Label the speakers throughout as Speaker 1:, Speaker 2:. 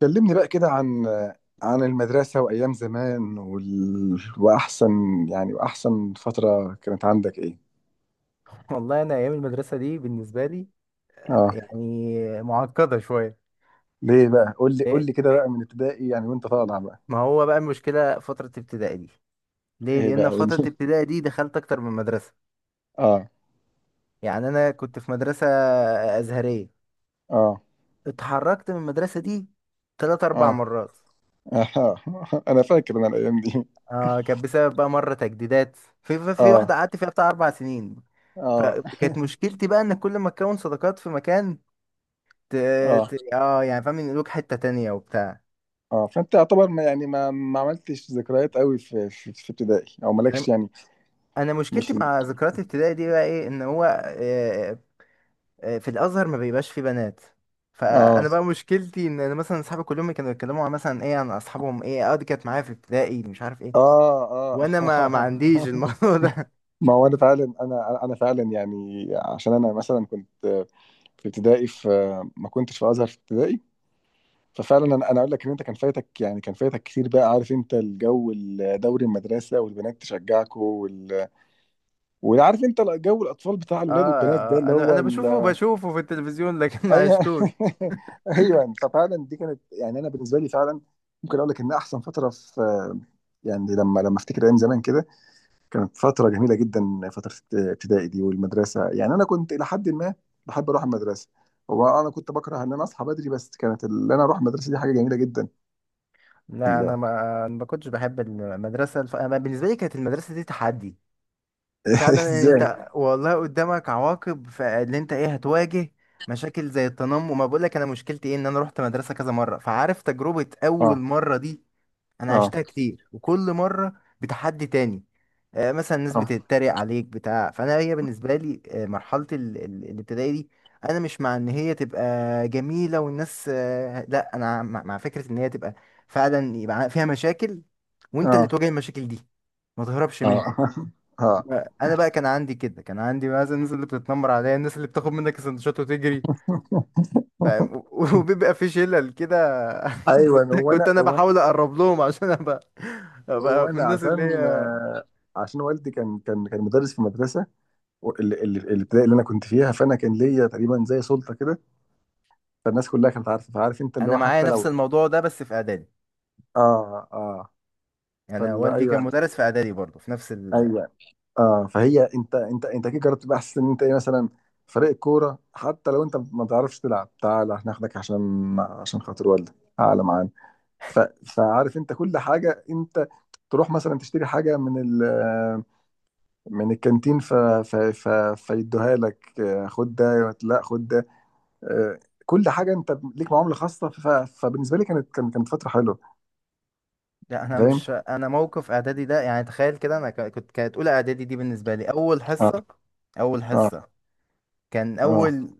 Speaker 1: كلمني بقى كده عن المدرسة وأيام زمان، وأحسن فترة كانت عندك إيه؟
Speaker 2: والله انا ايام المدرسه دي بالنسبه لي
Speaker 1: آه.
Speaker 2: يعني معقده شويه.
Speaker 1: ليه بقى؟ قول لي
Speaker 2: ليه؟
Speaker 1: قول لي كده بقى من ابتدائي، يعني وأنت طالع بقى.
Speaker 2: ما هو بقى المشكله فتره ابتدائي دي ليه،
Speaker 1: إيه بقى
Speaker 2: لان
Speaker 1: قول
Speaker 2: فتره
Speaker 1: لي.
Speaker 2: ابتدائي دي دخلت اكتر من مدرسه.
Speaker 1: آه
Speaker 2: يعني انا كنت في مدرسه ازهريه،
Speaker 1: آه
Speaker 2: اتحركت من المدرسه دي ثلاث اربع
Speaker 1: آه
Speaker 2: مرات.
Speaker 1: آه. أنا فاكر الأيام دي.
Speaker 2: آه كانت بسبب بقى مره تجديدات، في
Speaker 1: آه
Speaker 2: واحده قعدت فيها بتاع اربع سنين.
Speaker 1: آه.
Speaker 2: فكانت مشكلتي بقى ان كل ما تكون صداقات في مكان ت... ت...
Speaker 1: آه
Speaker 2: اه يعني فاهم، ينقلوك حته تانية وبتاع.
Speaker 1: آه. فأنت يعتبر، ما يعني ما عملتش ذكريات قوي في ابتدائي، أو مالكش يعني.
Speaker 2: انا مشكلتي
Speaker 1: مش.
Speaker 2: مع ذكريات ابتدائي دي بقى ايه؟ ان هو في الازهر ما بيبقاش فيه بنات.
Speaker 1: آه
Speaker 2: فانا بقى مشكلتي ان انا مثلا اصحابي كلهم كانوا يتكلموا عن مثلا ايه، عن اصحابهم، ايه اه دي كانت معايا في ابتدائي مش عارف ايه،
Speaker 1: آه آه.
Speaker 2: وانا ما عنديش الموضوع ده
Speaker 1: ما هو انا فعلا انا فعلا يعني، عشان انا مثلا كنت في ابتدائي في ما كنتش في ازهر في ابتدائي. ففعلا انا اقول لك ان انت كان فايتك يعني كان فايتك كتير بقى. عارف انت الجو، دوري المدرسه والبنات تشجعكوا وعارف انت جو الاطفال بتاع
Speaker 2: اه
Speaker 1: الولاد والبنات، ده
Speaker 2: آه،
Speaker 1: اللي
Speaker 2: انا
Speaker 1: هو
Speaker 2: انا بشوفه بشوفه في التلفزيون لكن ما
Speaker 1: ايوه.
Speaker 2: عشتوش.
Speaker 1: ايوه. ففعلا دي كانت، يعني انا بالنسبه لي، فعلا ممكن اقول لك ان احسن فتره في، يعني لما افتكر ايام زمان كده، كانت فترة جميلة جدا، فترة ابتدائي دي والمدرسة. يعني أنا كنت إلى حد ما بحب أروح المدرسة. هو أنا كنت بكره إن أنا أصحى بدري، بس كانت اللي أنا أروح المدرسة دي حاجة جميلة جدا.
Speaker 2: لا انا
Speaker 1: لا.
Speaker 2: ما كنتش بحب المدرسه أنا بالنسبه لي كانت المدرسه دي تحدي فعلا.
Speaker 1: إزاي؟
Speaker 2: انت والله قدامك عواقب فاللي انت ايه هتواجه مشاكل زي التنمر. ما بقولك انا مشكلتي ايه، ان انا رحت مدرسة كذا مرة، فعارف تجربة اول
Speaker 1: آه
Speaker 2: مرة دي انا
Speaker 1: آه
Speaker 2: عشتها كتير، وكل مرة بتحدي تاني. آه، مثلا الناس
Speaker 1: آه
Speaker 2: بتتريق عليك بتاع فانا هي بالنسبة لي آه، مرحلة الابتدائي دي انا مش مع ان هي تبقى جميلة والناس آه، لا انا مع فكرة ان هي تبقى فعلا، يبقى فيها مشاكل وانت اللي
Speaker 1: آه
Speaker 2: تواجه المشاكل دي، ما تهربش منها.
Speaker 1: آه.
Speaker 2: انا بقى كان عندي كده، كان عندي مثلا الناس اللي بتتنمر عليا، الناس اللي بتاخد منك السندوتشات وتجري،
Speaker 1: آه.
Speaker 2: فاهم؟ وبيبقى في شلل كده.
Speaker 1: أيوه.
Speaker 2: كنت
Speaker 1: هو
Speaker 2: كنت
Speaker 1: أنا
Speaker 2: انا
Speaker 1: هو أنا
Speaker 2: بحاول اقرب لهم عشان ابقى،
Speaker 1: هو
Speaker 2: ابقى من
Speaker 1: أنا
Speaker 2: الناس اللي
Speaker 1: عشان
Speaker 2: هي.
Speaker 1: عشان والدي كان مدرس في المدرسة، الابتدائي اللي أنا كنت فيها، فأنا كان ليا تقريبا زي سلطة كده. فالناس كلها كانت عارفة، فعارف أنت اللي
Speaker 2: انا
Speaker 1: هو،
Speaker 2: معايا
Speaker 1: حتى
Speaker 2: نفس
Speaker 1: لو
Speaker 2: الموضوع ده بس في اعدادي،
Speaker 1: آه. آه.
Speaker 2: انا
Speaker 1: فلا
Speaker 2: والدي كان
Speaker 1: ايوه،
Speaker 2: مدرس في اعدادي برضه في نفس ال...
Speaker 1: ايوه. اه فهي انت، انت كده جربت تبقى احسن، ان انت ايه، مثلا فريق الكوره حتى لو انت ما تعرفش تلعب تعال هناخدك، عشان خاطر والدك تعالى معانا. ف... فعارف انت كل حاجه، انت تروح مثلا تشتري حاجه من من الكانتين، فيدوها لك، خد ده، لا خد ده، آه، كل حاجه انت ليك معامله خاصه، فبالنسبه لي كانت فتره حلوه.
Speaker 2: لا انا
Speaker 1: فاهم.
Speaker 2: مش، انا موقف اعدادي ده يعني تخيل كده، انا كنت، كانت اولى اعدادي دي بالنسبه لي اول
Speaker 1: اه
Speaker 2: حصه، اول
Speaker 1: اه
Speaker 2: حصه كان
Speaker 1: اه
Speaker 2: اول،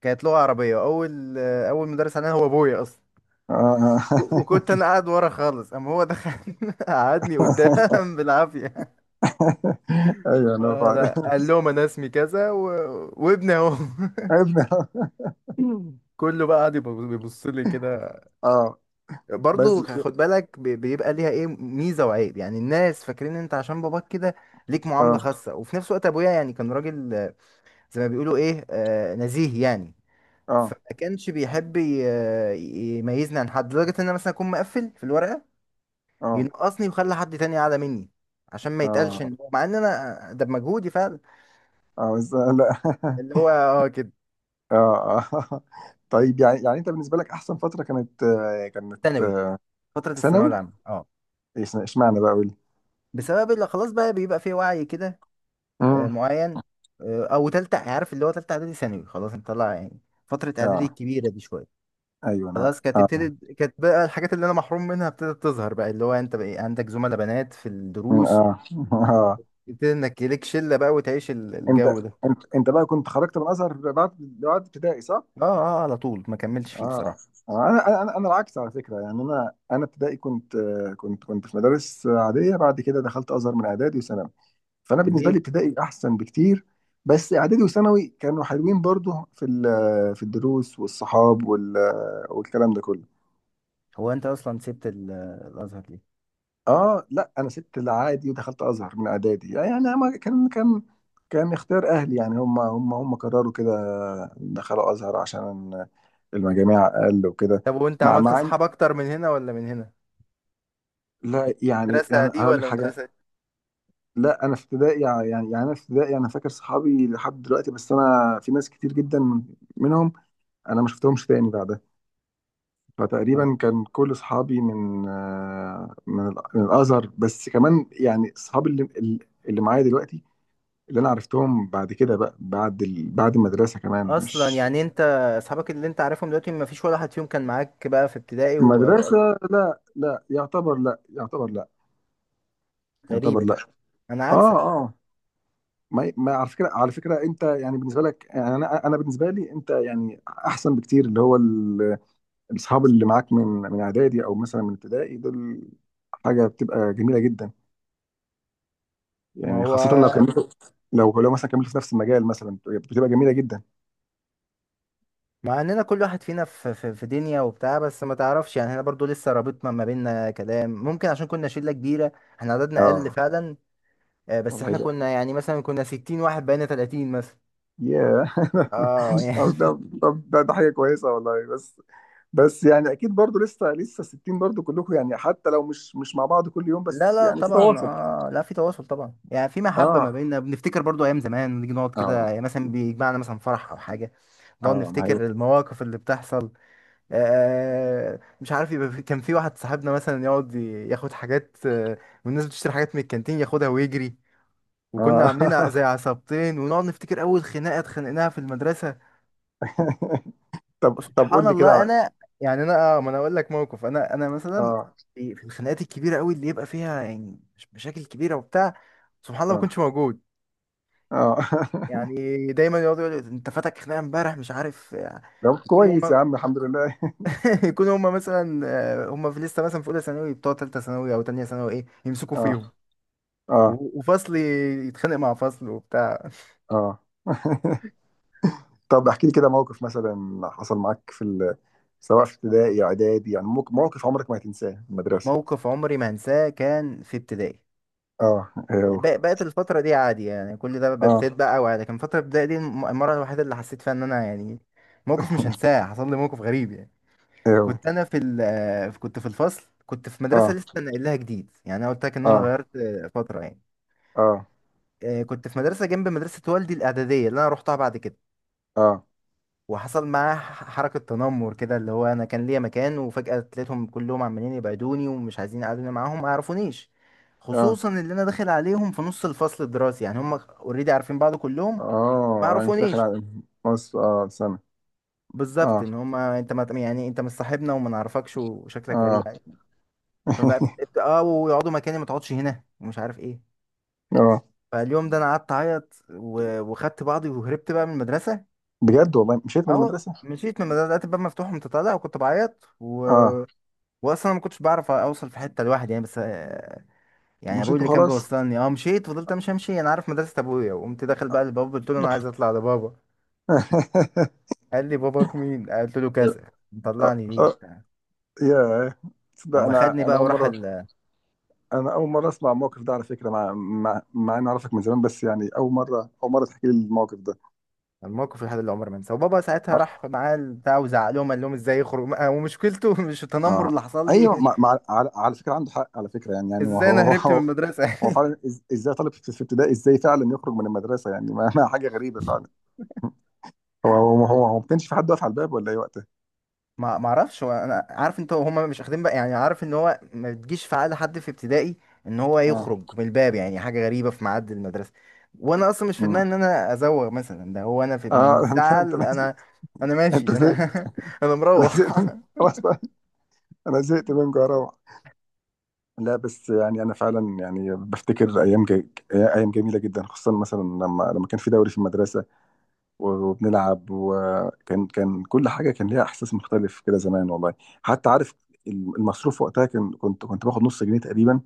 Speaker 2: كانت لغه عربيه، اول اول مدرس علينا هو ابويا اصلا.
Speaker 1: اه.
Speaker 2: وكنت انا قاعد ورا خالص، اما هو دخل قعدني قدام بالعافيه،
Speaker 1: ايوه انا
Speaker 2: ولا
Speaker 1: فعلا.
Speaker 2: قال لهم انا اسمي كذا و... وابني اهو.
Speaker 1: ابني.
Speaker 2: كله بقى قاعد بيبص لي كده.
Speaker 1: اه بس.
Speaker 2: برضو خد بالك، بيبقى ليها ايه، ميزه وعيب. يعني الناس فاكرين ان انت عشان باباك كده ليك معامله
Speaker 1: اه
Speaker 2: خاصه، وفي نفس الوقت ابويا يعني كان راجل آه، زي ما بيقولوا ايه آه، نزيه يعني.
Speaker 1: اه
Speaker 2: فما كانش بيحب يميزني عن حد، لدرجه ان انا مثلا اكون مقفل في الورقه
Speaker 1: اه
Speaker 2: ينقصني ويخلي حد تاني اعلى مني عشان ما يتقالش
Speaker 1: اه
Speaker 2: ان هو، مع ان انا ده بمجهودي فعلا.
Speaker 1: اه بس. لا.
Speaker 2: اللي هو اه كده.
Speaker 1: اه آه. طيب يعني، انت بالنسبه لك احسن فتره كانت، كانت
Speaker 2: ثانوي،
Speaker 1: آه.
Speaker 2: فترة الثانوية
Speaker 1: ثانوي.
Speaker 2: العامة اه.
Speaker 1: اشمعنى بقى قول لي.
Speaker 2: بسبب اللي خلاص بقى بيبقى فيه وعي كده آه،
Speaker 1: امم.
Speaker 2: معين. آه، او تالتة، عارف اللي هو تالتة اعدادي ثانوي، خلاص انت طلع يعني فترة اعدادي
Speaker 1: اه
Speaker 2: الكبيرة دي شوية.
Speaker 1: ايوه انا.
Speaker 2: خلاص كانت
Speaker 1: اه
Speaker 2: ابتدت، كانت بقى الحاجات اللي انا محروم منها ابتدت تظهر بقى، اللي هو انت بقى إيه، عندك زملاء بنات في
Speaker 1: مم،
Speaker 2: الدروس،
Speaker 1: اه. اه.
Speaker 2: ابتدت انك ليك شلة بقى وتعيش
Speaker 1: انت
Speaker 2: الجو ده.
Speaker 1: انت بقى كنت خرجت من الازهر بعد ابتدائي صح؟
Speaker 2: اه، اه على طول ما كملتش فيه
Speaker 1: اه.
Speaker 2: بصراحة.
Speaker 1: انا العكس على فكره، يعني انا ابتدائي كنت، كنت في مدارس عاديه، بعد كده دخلت ازهر من اعدادي وثانوي، فانا بالنسبه لي
Speaker 2: ليه؟
Speaker 1: ابتدائي احسن بكتير. بس اعدادي وثانوي كانوا حلوين برضو، في الدروس والصحاب والكلام ده كله.
Speaker 2: هو انت اصلا سبت الازهر ليه؟
Speaker 1: اه لا انا سبت العادي ودخلت ازهر من اعدادي، يعني ما كان اختيار اهلي، يعني هم قرروا كده، دخلوا ازهر عشان المجاميع اقل وكده.
Speaker 2: طب وانت
Speaker 1: مع
Speaker 2: عملت
Speaker 1: مع إن-
Speaker 2: اصحاب اكتر من هنا ولا من هنا؟
Speaker 1: لا يعني
Speaker 2: المدرسة
Speaker 1: انا
Speaker 2: دي
Speaker 1: هقول لك
Speaker 2: ولا المدرسة دي؟
Speaker 1: حاجه. لا انا في ابتدائي، يعني انا في ابتدائي انا فاكر صحابي لحد دلوقتي، بس انا في ناس كتير جدا منهم انا ما شفتهمش تاني بعدها.
Speaker 2: آه.
Speaker 1: فتقريبا كان كل صحابي من آه، من ال- من الازهر، بس كمان يعني صحابي اللي معايا دلوقتي، اللي انا عرفتهم بعد كده بقى، بعد بعد المدرسه كمان.
Speaker 2: اصلا
Speaker 1: مش
Speaker 2: يعني انت، اصحابك اللي انت عارفهم دلوقتي ما فيش ولا حد فيهم كان معاك بقى في ابتدائي واوقات؟
Speaker 1: مدرسه. لا لا، يعتبر لا، يعتبر لا،
Speaker 2: غريبه
Speaker 1: يعتبر
Speaker 2: دي،
Speaker 1: لا.
Speaker 2: انا
Speaker 1: اه
Speaker 2: عكسك.
Speaker 1: آه. ما على فكره، على فكره انت يعني بالنسبه لك، يعني انا بالنسبه لي، انت يعني احسن بكتير، اللي هو الاصحاب اللي معاك من اعدادي او مثلا من ابتدائي دول، حاجه بتبقى جميله جدا،
Speaker 2: ما
Speaker 1: يعني
Speaker 2: هو
Speaker 1: خاصه لو كملتوا، لو لو مثلا كملتوا في نفس المجال مثلا بتبقى جميله جدا.
Speaker 2: مع اننا كل واحد فينا في دنيا وبتاع، بس ما تعرفش يعني احنا برضو لسه رابطنا ما بيننا كلام ممكن عشان كنا شله كبيره. احنا عددنا اقل
Speaker 1: اه
Speaker 2: فعلا، آه، بس
Speaker 1: والله
Speaker 2: احنا
Speaker 1: ده،
Speaker 2: كنا يعني مثلا كنا 60 واحد، بقينا 30 مثلا.
Speaker 1: ياه.
Speaker 2: اه
Speaker 1: طب
Speaker 2: يعني.
Speaker 1: ده، ده حاجه كويسه والله، بس بس يعني اكيد برضو لسه 60 برضو كلكم، يعني حتى لو مش مع بعض كل يوم بس
Speaker 2: لا لا
Speaker 1: يعني في
Speaker 2: طبعا
Speaker 1: تواصل.
Speaker 2: اه، لا في تواصل طبعا، يعني في محبة ما
Speaker 1: اه
Speaker 2: بيننا، بنفتكر برضو ايام زمان، نيجي نقعد كده
Speaker 1: اه
Speaker 2: يعني مثلا بيجمعنا مثلا فرح او حاجة، نقعد
Speaker 1: اه ما هي.
Speaker 2: نفتكر المواقف اللي بتحصل. آه مش عارف، يبقى في، كان في واحد صاحبنا مثلا يقعد ياخد حاجات آه، والناس بتشتري حاجات من الكانتين ياخدها ويجري، وكنا عاملين
Speaker 1: اه.
Speaker 2: زي عصابتين. ونقعد نفتكر اول خناقة اتخانقناها في المدرسة.
Speaker 1: طب
Speaker 2: سبحان
Speaker 1: قول لي كده
Speaker 2: الله
Speaker 1: على.
Speaker 2: انا يعني، انا اه ما انا اقول لك موقف، انا مثلا
Speaker 1: اه
Speaker 2: في في الخناقات الكبيره قوي اللي يبقى فيها يعني مش مشاكل كبيره وبتاع، سبحان الله ما كنتش
Speaker 1: اه
Speaker 2: موجود.
Speaker 1: اه.
Speaker 2: يعني دايما يقعدوا يقولوا انت فاتك خناقه امبارح مش عارف آه،
Speaker 1: جاوبت
Speaker 2: يكونوا
Speaker 1: كويس يا
Speaker 2: هم
Speaker 1: عم الحمد لله.
Speaker 2: يكونوا هم مثلا آه، هم في لسه مثلا في اولى ثانوي بتوع ثالثه ثانوي او ثانيه ثانوي ايه، يمسكوا
Speaker 1: اه
Speaker 2: فيهم
Speaker 1: اه
Speaker 2: وفصل يتخانق مع فصل وبتاع.
Speaker 1: اه. طب احكي لي كده موقف مثلا حصل معاك في سواء في ابتدائي اعدادي، يعني موقف عمرك ما هتنساه في المدرسه.
Speaker 2: موقف عمري ما انساه كان في ابتدائي.
Speaker 1: اه
Speaker 2: يعني
Speaker 1: ايوه.
Speaker 2: بقت الفترة دي عادي، يعني كل ده ابتديت
Speaker 1: اه
Speaker 2: بقى أوعى، لكن فترة البداية دي المرة الوحيدة اللي حسيت فيها إن أنا يعني، موقف مش هنساه. حصل لي موقف غريب يعني،
Speaker 1: ايوه.
Speaker 2: كنت أنا في ال آه، كنت في الفصل، كنت في مدرسة
Speaker 1: اه
Speaker 2: لسه ناقل لها جديد. يعني أنا قلت لك إن أنا
Speaker 1: اه
Speaker 2: غيرت آه، فترة يعني،
Speaker 1: اه
Speaker 2: آه، كنت في مدرسة جنب مدرسة والدي الإعدادية اللي أنا روحتها بعد كده.
Speaker 1: اه
Speaker 2: وحصل معاه حركة تنمر كده، اللي هو أنا كان ليا مكان وفجأة تلاقيتهم كلهم عمالين يبعدوني ومش عايزين يقعدوني معاهم، ما يعرفونيش.
Speaker 1: اه
Speaker 2: خصوصا اللي أنا داخل عليهم في نص الفصل الدراسي، يعني هم اوريدي عارفين بعض كلهم، ما
Speaker 1: اه. انت داخل
Speaker 2: يعرفونيش
Speaker 1: على مصر، اه سنه.
Speaker 2: بالظبط.
Speaker 1: اه
Speaker 2: ان هم انت ما يعني انت مش صاحبنا وما نعرفكش وشكلك غريب
Speaker 1: اه.
Speaker 2: يعني. فبقى ابت- اه ويقعدوا مكاني، ما تقعدش هنا ومش عارف ايه.
Speaker 1: اه.
Speaker 2: فاليوم ده انا قعدت اعيط وخدت بعضي وهربت بقى من المدرسه.
Speaker 1: بجد والله مشيت من
Speaker 2: اه
Speaker 1: المدرسه؟
Speaker 2: مشيت من المدرسه، لقيت الباب مفتوح وأنت طالع، وكنت بعيط و...
Speaker 1: اه
Speaker 2: واصلا ما كنتش بعرف اوصل في حته لوحدي يعني، بس آه، يعني ابوي
Speaker 1: مشيت
Speaker 2: اللي كان
Speaker 1: وخلاص.
Speaker 2: بيوصلني. اه مشيت، فضلت امشي انا عارف مدرسه ابويا، وقمت داخل بقى لبابا قلت له انا عايز اطلع لبابا. قال لي باباك مين، قلت له
Speaker 1: أه
Speaker 2: كذا، مطلعني ليه
Speaker 1: أه.
Speaker 2: وبتاع.
Speaker 1: يا تصدق،
Speaker 2: اما خدني
Speaker 1: انا
Speaker 2: بقى وراح
Speaker 1: اول مره اسمع الموقف ده على فكره، مع اني اعرفك من زمان، بس يعني اول مره، تحكي لي الموقف ده.
Speaker 2: الموقف لحد اللي عمري ما انساه. وبابا ساعتها
Speaker 1: اه،
Speaker 2: راح معاه البتاع وزعلهم قال لهم ازاي يخرج، ومشكلته مش التنمر
Speaker 1: آه.
Speaker 2: اللي حصل
Speaker 1: ايوه،
Speaker 2: لي.
Speaker 1: مع مع على فكره عنده حق، على فكره يعني، هو
Speaker 2: ازاي انا
Speaker 1: هو
Speaker 2: هربت من
Speaker 1: هو
Speaker 2: المدرسه.
Speaker 1: هو فعلا، ازاي طالب في ابتدائي ازاي فعلا يخرج من المدرسه، يعني ما حاجه غريبه فعلا. هو ما كانش في حد واقف على الباب ولا ايه وقتها.
Speaker 2: ما ما اعرفش، هو انا عارف انت هما مش اخدين بقى، يعني عارف ان هو ما بتجيش في عقل حد في ابتدائي ان هو
Speaker 1: اه
Speaker 2: يخرج من الباب، يعني حاجه غريبه في ميعاد المدرسه. وانا اصلا مش في
Speaker 1: مم.
Speaker 2: دماغي ان انا ازوغ مثلا، ده هو انا في من
Speaker 1: اه. انت
Speaker 2: الزعل،
Speaker 1: انت
Speaker 2: انا انا
Speaker 1: انت
Speaker 2: ماشي،
Speaker 1: زهقت.
Speaker 2: انا انا
Speaker 1: انا
Speaker 2: مروح.
Speaker 1: زهقت. خلاص بقى. انا زهقت من جرام. لا بس يعني انا فعلا يعني بفتكر ايام جميله جدا، خصوصا مثلا لما كان في دوري في المدرسه، وبنلعب، وكان كل حاجه كان ليها احساس مختلف كده زمان والله. حتى عارف المصروف وقتها، كان كنت كنت باخد نص جنيه تقريبا،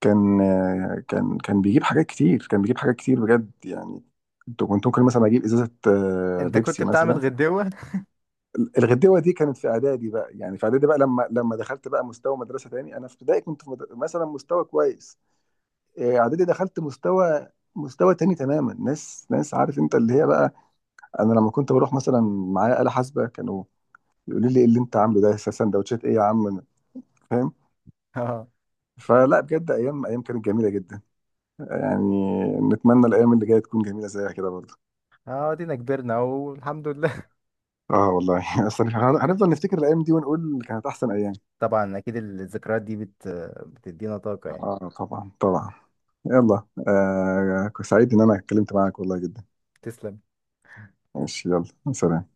Speaker 1: كان كان بيجيب حاجات كتير، كان بيجيب حاجات كتير بجد يعني. كنت ممكن مثلا اجيب ازازه،
Speaker 2: انت كنت
Speaker 1: بيبسي
Speaker 2: بتعمل
Speaker 1: مثلا.
Speaker 2: غدوه.
Speaker 1: الغدوه دي كانت في اعدادي بقى، يعني في اعدادي بقى لما دخلت بقى مستوى مدرسه تاني. انا في ابتدائي كنت مثلا مستوى كويس، اعدادي دخلت مستوى، تاني تماما، ناس، عارف انت اللي هي بقى، انا لما كنت بروح مثلا معايا آلة حاسبة، كانوا يقولوا لي ايه اللي انت عامله ده، سندوتشات ايه يا عم؟ فاهم.
Speaker 2: اه،
Speaker 1: فلا بجد ايام، ايام كانت جميلة جدا يعني. نتمنى الايام اللي جاية تكون جميلة زيها كده برضه.
Speaker 2: اه دينا كبرنا اهو الحمد لله.
Speaker 1: اه والله. اصل هنفضل نفتكر الايام دي ونقول كانت احسن ايام.
Speaker 2: طبعا اكيد الذكريات دي بت، بتدينا طاقه يعني.
Speaker 1: اه طبعا طبعا. يلا، سعيد ان انا اتكلمت معاك والله جدا.
Speaker 2: تسلم.
Speaker 1: ماشي يلا سلام.